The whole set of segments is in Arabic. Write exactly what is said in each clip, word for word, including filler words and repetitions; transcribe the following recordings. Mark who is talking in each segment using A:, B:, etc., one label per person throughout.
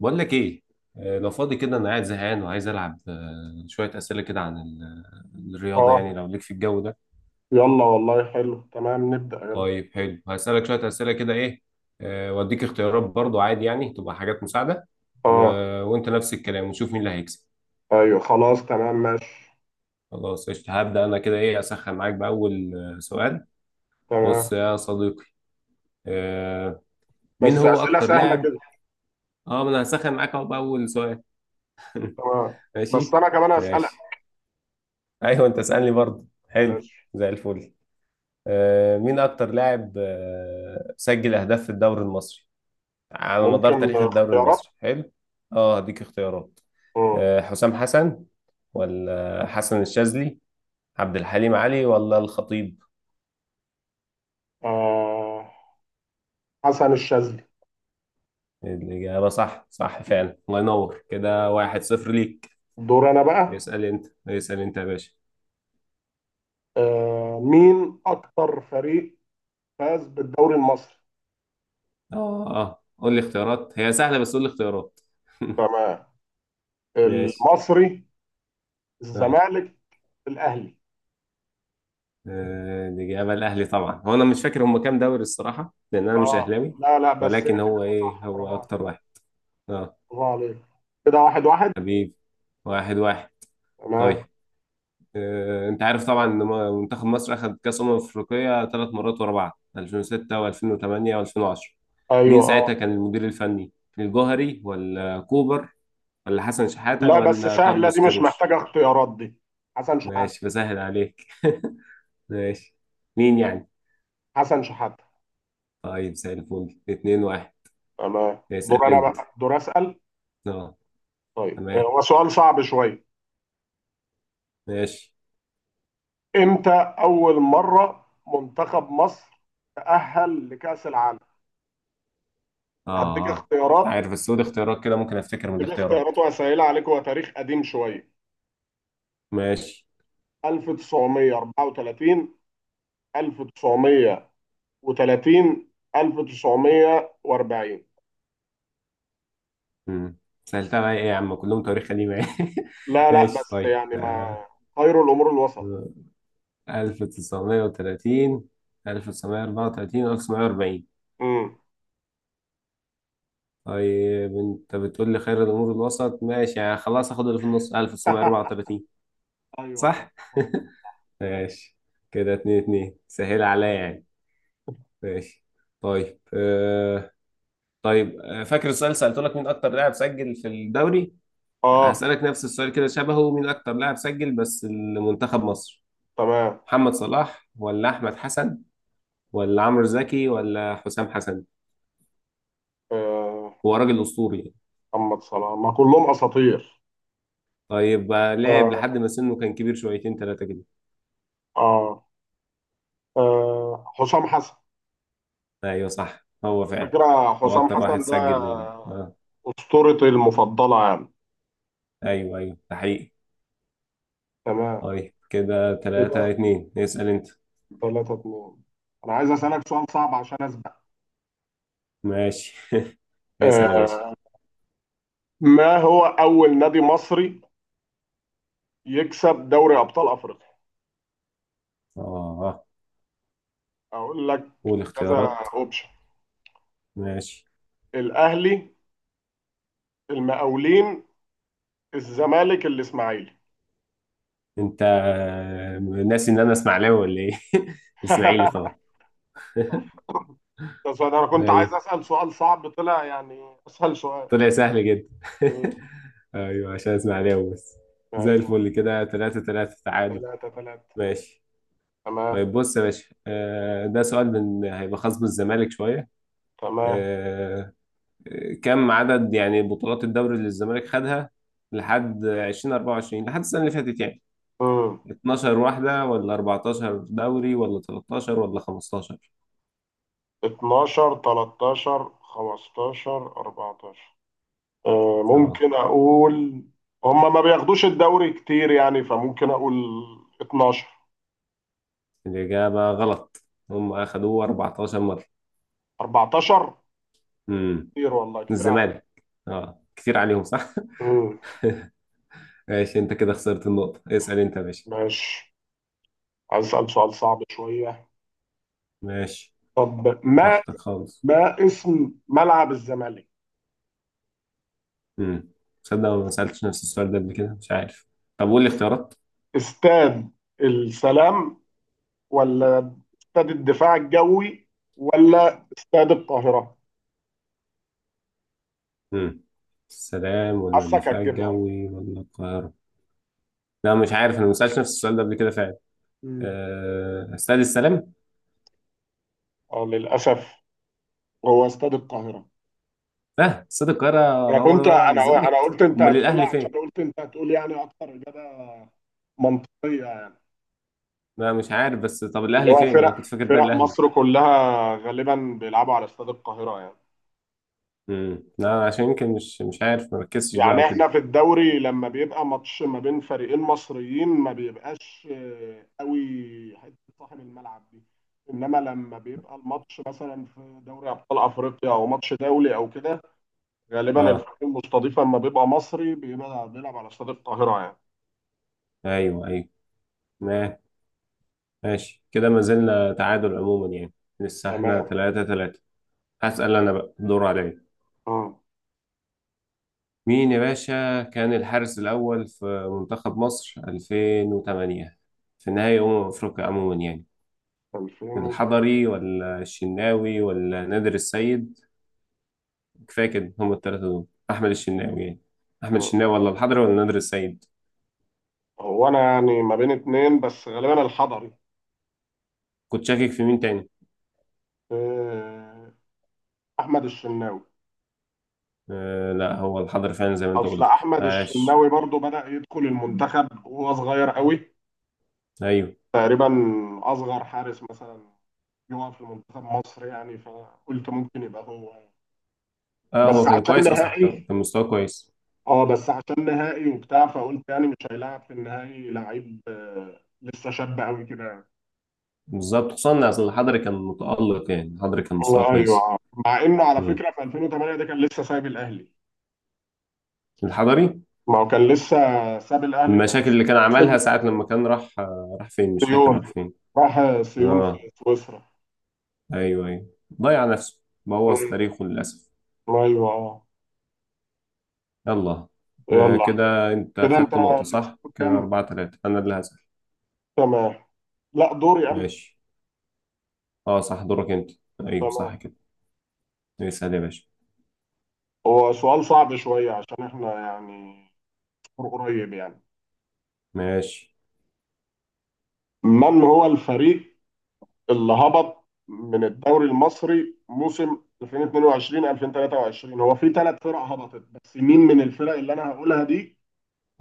A: بقول لك ايه. آه، لو فاضي كده انا قاعد زهقان وعايز العب، آه، شويه اسئله كده عن ال- الرياضه يعني،
B: اه،
A: لو ليك في الجو ده.
B: يلا والله حلو تمام، نبدأ يلا.
A: طيب حلو، هسالك شويه اسئله كده، ايه، آه، واديك اختيارات برضو عادي يعني، تبقى حاجات مساعده. و...
B: اه،
A: وانت نفس الكلام، ونشوف مين اللي هيكسب.
B: ايوه، خلاص، تمام، ماشي.
A: خلاص قشطة، هبدا انا كده، ايه، اسخن معاك باول آه، سؤال.
B: تمام،
A: بص يا صديقي، آه، مين
B: بس
A: هو
B: أسئلة
A: اكتر
B: سهلة
A: لاعب.
B: كده.
A: اه ما انا هسخن معاك اهو باول سؤال.
B: تمام، بس
A: ماشي.
B: أنا كمان أسألك.
A: ماشي. ايوه انت اسالني برضو، حلو.
B: ماشي،
A: زي الفل. آه، مين أكتر لاعب آه، سجل أهداف في الدوري المصري، على مدار
B: ممكن
A: تاريخ الدوري
B: اختيارات؟
A: المصري، حلو. أه هديك اختيارات.
B: مم.
A: آه، حسام حسن، ولا حسن الشاذلي، عبد الحليم علي، ولا الخطيب؟
B: آه. حسن الشاذلي.
A: الإجابة صح. صح فعلا، الله ينور. كده واحد صفر ليك.
B: دور أنا بقى.
A: اسأل أنت، اسأل أنت يا باشا.
B: آه مين أكتر فريق فاز بالدوري المصري؟
A: أه أه، قول لي اختيارات، هي سهلة بس قول لي اختيارات.
B: تمام.
A: ماشي.
B: المصري،
A: آه.
B: الزمالك، الأهلي؟
A: آه، الإجابة الأهلي طبعا، هو أنا مش فاكر هم كام دوري الصراحة، لأن أنا مش
B: اه،
A: أهلاوي.
B: لا لا، بس هي
A: ولكن هو
B: الإجابة
A: إيه،
B: صح. برافو
A: هو
B: عليك.
A: أكتر واحد. أه.
B: برافو عليك. كده واحد واحد.
A: حبيب. واحد واحد.
B: تمام،
A: طيب، آه، أنت عارف طبعا إن م- منتخب مصر أخد كأس أمم أفريقيا ثلاث مرات ورا بعض، ألفين وستة و2008 و2010. مين
B: ايوه، اه.
A: ساعتها كان المدير الفني؟ الجوهري ولا كوبر، ولا حسن شحاتة
B: لا، بس
A: ولا
B: سهلة دي،
A: كارلوس
B: مش
A: كيروش؟
B: محتاجة اختيارات دي. حسن شحاتة.
A: ماشي بسهل عليك. ماشي. مين يعني؟
B: حسن شحاتة.
A: طيب زي الفل. اتنين واحد.
B: تمام، دور
A: اسأل
B: أنا
A: أنت.
B: بقى، دور أسأل.
A: اه
B: طيب، آه،
A: تمام.
B: هو سؤال صعب شوية.
A: ماشي.
B: إمتى أول مرة منتخب مصر تأهل لكأس العالم؟
A: اه.
B: هديك
A: آه. مش
B: اختيارات.
A: عارف، بس قول اختيارات كده ممكن افتكر من
B: هديك
A: الاختيارات.
B: اختيارات وهسهلها عليك، هو تاريخ قديم شوية.
A: ماشي.
B: ألف وتسعمية وأربعة وتلاتين، ألف وتسعمية وتلاتين، ألف وتسعمية وأربعين؟
A: امم سألتها بقى ايه يا عم؟ كلهم تاريخ قديم يعني.
B: لا لا،
A: ماشي
B: بس
A: طيب
B: يعني ما.
A: آه.
B: خير الأمور الوسط.
A: ألف وتسعمية وتلاتين، ألف وتسعمية واربعة وتلاتين، ألف وتسعمية واربعين.
B: امم.
A: طيب انت بتقول لي خير الامور الوسط، ماشي يعني، خلاص اخد اللي في النص ألف وتسعمية واربعة وتلاتين.
B: ايوه،
A: صح. ماشي، كده اتنين اتنين، سهل عليا يعني. ماشي. طيب آه. طيب، آه، فاكر السؤال اللي سألته لك، مين أكتر لاعب سجل في الدوري؟
B: اه.
A: هسألك نفس السؤال كده شبهه، مين أكتر لاعب سجل بس لمنتخب مصر؟
B: تمام.
A: محمد صلاح، ولا أحمد حسن، ولا عمرو زكي، ولا حسام حسن؟
B: آه.
A: هو راجل أسطوري يعني.
B: محمد صلاح، ما كلهم اساطير.
A: طيب، آه، لعب
B: آه.
A: لحد ما سنه كان كبير شويتين ثلاثة كده.
B: آه, آه حسام حسن.
A: أيوه صح، هو فعلا
B: فكرة،
A: هو
B: حسام
A: أكتر واحد
B: حسن
A: سجل
B: ده
A: لل... آه.
B: اسطورتي المفضلة يعني.
A: أيوه أيوه، ده حقيقي.
B: تمام،
A: طيب كده
B: كده
A: ثلاثة اتنين، اسأل أنت.
B: تلاتة اتنين. انا عايز اسالك سؤال صعب عشان اسبق.
A: ماشي. اسأل يا
B: آه
A: باشا.
B: ما هو اول نادي مصري يكسب دوري ابطال افريقيا؟
A: آه.
B: اقول لك
A: قول
B: كذا
A: اختيارات.
B: اوبشن.
A: ماشي.
B: الاهلي، المقاولين، الزمالك، الاسماعيلي؟
A: انت ناسي ان انا اسماعيلاوي ولا ايه؟ الاسماعيلي طبعا.
B: ده سؤال انا كنت عايز
A: ايوه
B: اسال سؤال صعب، طلع يعني اسهل سؤال.
A: طلع سهل جدا.
B: مم.
A: ايوه عشان اسماعيلاوي بس. زي
B: ايوه،
A: الفل كده، تلاتة تلاتة، تعادل.
B: تلاتة تلاتة.
A: ماشي.
B: تمام.
A: طيب بص يا باشا، آه، ده سؤال من هيبقى خاص بالزمالك شوية.
B: تمام.
A: آه، كم عدد يعني بطولات الدوري اللي الزمالك خدها لحد ألفين واربعة وعشرين، لحد السنة اللي فاتت يعني؟
B: مم.
A: اتناشر واحدة، ولا اربعتاشر دوري، ولا تلتاشر، ولا خمستاشر؟
B: اتناشر، تلاتاشر، خمستاشر، اربعتاشر؟ آه، ممكن اقول، هما ما بياخدوش الدوري كتير يعني، فممكن اقول اتناشر.
A: الإجابة غلط. هم أخدوه أربعة عشر مرة.
B: أربعة عشر؟
A: امم.
B: كتير، والله كتير عليك.
A: الزمالك. اه كتير عليهم صح.
B: مم.
A: ماشي، أنت كده خسرت النقطة، اسأل أنت يا باشا.
B: ماشي، عايز اسال سؤال صعب شويه.
A: ماشي
B: طب، ما
A: براحتك خالص.
B: ما اسم ملعب الزمالك؟
A: امم. تصدق أنا ما سألتش نفس السؤال ده قبل كده، مش عارف. طب قول لي اختيارات.
B: استاد السلام، ولا استاد الدفاع الجوي، ولا استاد القاهرة؟
A: امم. السلام، ولا
B: حاسك
A: الدفاع
B: هتجيبها.
A: الجوي، ولا القاهرة؟ لا مش عارف، أنا ما سألتش نفس السؤال ده قبل كده فعلا.
B: مم.
A: أه... استاد السلام.
B: اه، للأسف، هو استاد القاهرة.
A: اه، استاد القاهرة
B: أنا
A: هو
B: كنت
A: اللي بيلعب
B: أنا أنا
A: الزمالك؟
B: قلت أنت
A: أمال
B: هتقولها،
A: الأهلي فين؟
B: عشان قلت أنت هتقول يعني أكتر إجابة منطقية يعني.
A: ما مش عارف، بس طب
B: اللي
A: الاهلي
B: هو
A: فين؟ انا
B: فرق
A: كنت فاكر ده
B: فرق
A: الاهلي.
B: مصر كلها غالبا بيلعبوا على استاد القاهرة يعني.
A: امم، لا عشان يمكن مش مش عارف، مركزتش بقى
B: يعني
A: وكده.
B: احنا في الدوري لما بيبقى ماتش ما بين فريقين مصريين، ما بيبقاش آه، قوي، حته صاحب الملعب دي. انما لما بيبقى الماتش مثلا في دوري ابطال افريقيا، او ماتش دولي، او كده، غالبا
A: اه.
B: الفريق المستضيف لما بيبقى مصري بيبقى بيلعب على استاد القاهره يعني.
A: ايوه ايوه. ما- ماشي، كده ما زلنا تعادل عموما يعني، لسه احنا
B: تمام.
A: تلاتة تلاتة. هسأل انا بقى، الدور عليا.
B: اه.
A: مين يا باشا كان الحارس الأول في منتخب مصر ألفين وتمنية، في نهائي أمم أفريقيا عموما يعني؟
B: ألفين.
A: الحضري، ولا الشناوي، ولا نادر السيد؟ كفاية كده، هم التلاتة دول. أحمد الشناوي يعني، أحمد
B: آه.
A: الشناوي، ولا الحضري، ولا نادر السيد؟
B: هو انا يعني ما بين اتنين، بس غالبا الحضري.
A: كنت شاكك في مين تاني؟
B: آه، احمد الشناوي.
A: آه لا، هو الحضر فعلا زي ما انت
B: اصل
A: قلت،
B: احمد
A: عاش.
B: الشناوي برضو بدأ يدخل المنتخب وهو صغير قوي،
A: ايوه
B: تقريبا اصغر حارس مثلا يقف لمنتخب مصر يعني، فقلت ممكن يبقى هو يعني.
A: اه،
B: بس
A: هو كان
B: عشان
A: كويس اصلا، كان
B: نهائي.
A: كان مستواه كويس.
B: اه، بس عشان نهائي وبتاع، فقلت يعني مش هيلاعب في النهائي لعيب آه، لسه شاب قوي كده يعني.
A: بالظبط، خصوصا إن اصل الحضري كان متألق يعني، الحضري كان
B: هو،
A: مستواه كويس.
B: ايوه. مع انه على
A: مم.
B: فكره في ألفين وتمانية ده كان لسه سايب الاهلي.
A: الحضري.
B: ما هو كان لسه ساب الاهلي في
A: المشاكل
B: موسم.
A: اللي كان عملها ساعة لما كان راح، آه راح فين؟ مش فاكر
B: سيون.
A: راح فين.
B: راح سيون في
A: اه
B: سويسرا.
A: ايوه ايوه، ضيع نفسه، بوظ
B: مم.
A: تاريخه للأسف.
B: ايوه، اه.
A: يلا. آه
B: يلا.
A: كده انت
B: كده انت
A: خدت نقطة
B: اللي
A: صح، كده
B: كام؟
A: أربعة تلاتة، أنا اللي هسأل.
B: تمام، لا، دوري انا.
A: ماشي. اه صح دورك انت. ايوه صح
B: تمام.
A: كده. اسأل يا باشا.
B: هو سؤال صعب شوية عشان احنا يعني فور قريب يعني.
A: ماشي.
B: من هو الفريق اللي هبط من الدوري المصري موسم ألفين واتنين وعشرين ألفين وتلاتة وعشرين؟ هو في ثلاث فرق هبطت، بس مين من الفرق اللي انا هقولها دي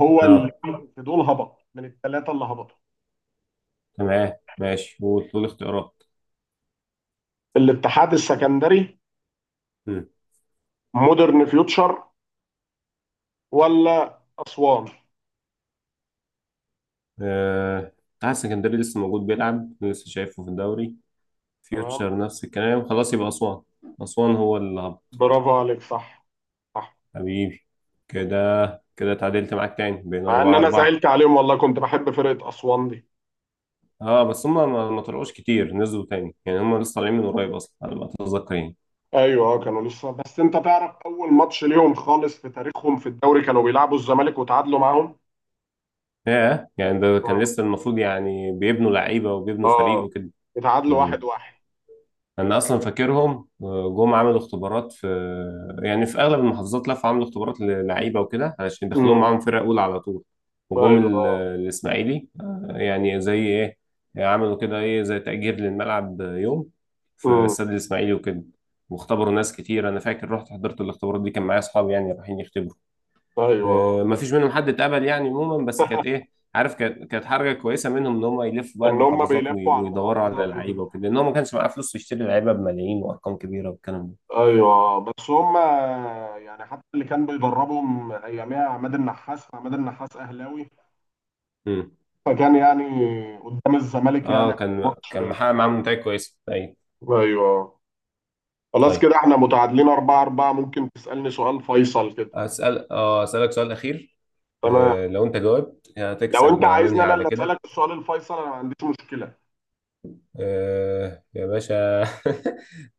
B: هو اللي
A: اه
B: في دول، هبط من الثلاثة اللي هبطوا؟
A: تمام. ماشي، وطول اختيارات.
B: الاتحاد السكندري،
A: مم.
B: مودرن فيوتشر، ولا اسوان؟
A: آه... اتحاد السكندري لسه موجود بيلعب، لسه شايفه في الدوري.
B: تمام،
A: فيوتشر نفس الكلام، خلاص يبقى أسوان. أسوان هو اللي هبط.
B: برافو عليك، صح، صح.
A: حبيبي. كده، كده اتعادلت معاك تاني، بين
B: مع ان
A: أربعة
B: انا
A: أربعة.
B: زعلت عليهم والله، كنت بحب فرقة اسوان دي.
A: اه، بس هما ما ما طلعوش كتير، نزلوا تاني يعني، هما لسه طالعين من قريب أصلا على ما أتذكر يعني.
B: ايوه، آه، كانوا لسه، بس انت تعرف اول ماتش ليهم خالص في تاريخهم في الدوري كانوا بيلعبوا الزمالك وتعادلوا معاهم.
A: ياه، يعني ده كان
B: اه.
A: لسه المفروض يعني بيبنوا لعيبة وبيبنوا فريق
B: اه.
A: وكده.
B: اتعادلوا واحد
A: مم.
B: واحد
A: انا اصلا فاكرهم آه، جم عملوا اختبارات في، يعني في اغلب المحافظات لفوا عملوا اختبارات للعيبه وكده، علشان يدخلوهم
B: امم.
A: معاهم فرقه اولى على طول. وجم
B: ايوه،
A: ال-
B: اه.
A: الاسماعيلي، آه، يعني زي ايه، عملوا كده ايه زي تأجير للملعب يوم في
B: امم.
A: استاد الاسماعيلي وكده. واختبروا ناس كتير، انا فاكر رحت حضرت الاختبارات دي، كان معايا اصحابي يعني رايحين يختبروا.
B: ايوه. آه.
A: آه، ما فيش منهم حد اتقبل يعني عموما، بس كانت ايه عارف، كانت كانت حركه كويسه منهم، ان هم يلفوا بقى
B: ان هم
A: المحافظات وي-
B: بيلفوا على
A: ويدوروا على
B: المحافظات
A: لعيبه
B: وكده.
A: وكده، لان هو ما كانش معاه فلوس يشتري لعيبه بملايين وارقام كبيره والكلام ده.
B: ايوه. آه. بس هم يعني حتى اللي كان بيدربهم اياميها عماد النحاس، عماد النحاس اهلاوي،
A: امم.
B: فكان يعني قدام الزمالك يعني
A: اه كان
B: ماتش.
A: كان محقق معاهم نتائج كويسه، ايوه.
B: ايوه. آه. خلاص،
A: طيب
B: كده احنا متعادلين أربعة أربعة، ممكن تسألني سؤال فيصل كده.
A: اسال، اه اسالك سؤال اخير.
B: تمام.
A: آه لو انت جاوبت
B: لو
A: هتكسب،
B: انت
A: وهننهي
B: عايزني انا
A: على
B: اللي
A: كده.
B: اسالك السؤال الفيصل، انا ما عنديش مشكله.
A: آه يا باشا.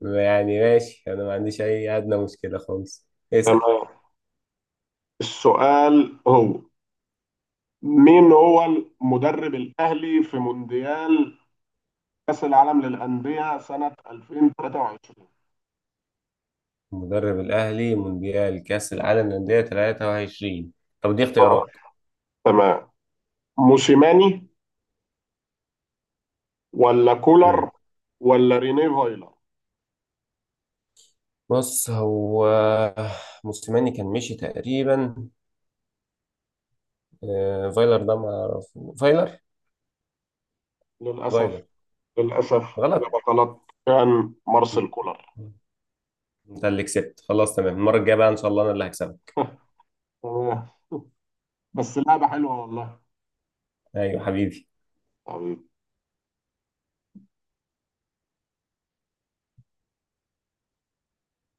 A: يعني ماشي، انا ما عنديش اي ادنى مشكله خالص، اسال.
B: تمام، السؤال هو مين هو المدرب الاهلي في مونديال كاس العالم للانديه سنه ألفين وتلاتة وعشرين؟
A: مدرب الأهلي مونديال كأس العالم للأندية تلاتة وعشرين. طب دي
B: اه،
A: اختيارات.
B: تمام. موسيماني، ولا
A: مم.
B: كولر، ولا ريني فايلر؟
A: بص هو موسيماني كان مشي تقريبا. آه، فايلر ده ما أعرف. فايلر. فايلر.
B: للاسف. للاسف.
A: غلط.
B: اجابه غلط، كان مارسيل كولر.
A: انت اللي كسبت، خلاص تمام. المرة الجاية بقى إن شاء الله أنا اللي هكسبك.
B: تمام، بس لعبه حلوه والله.
A: أيوة حبيبي.
B: حبيبي.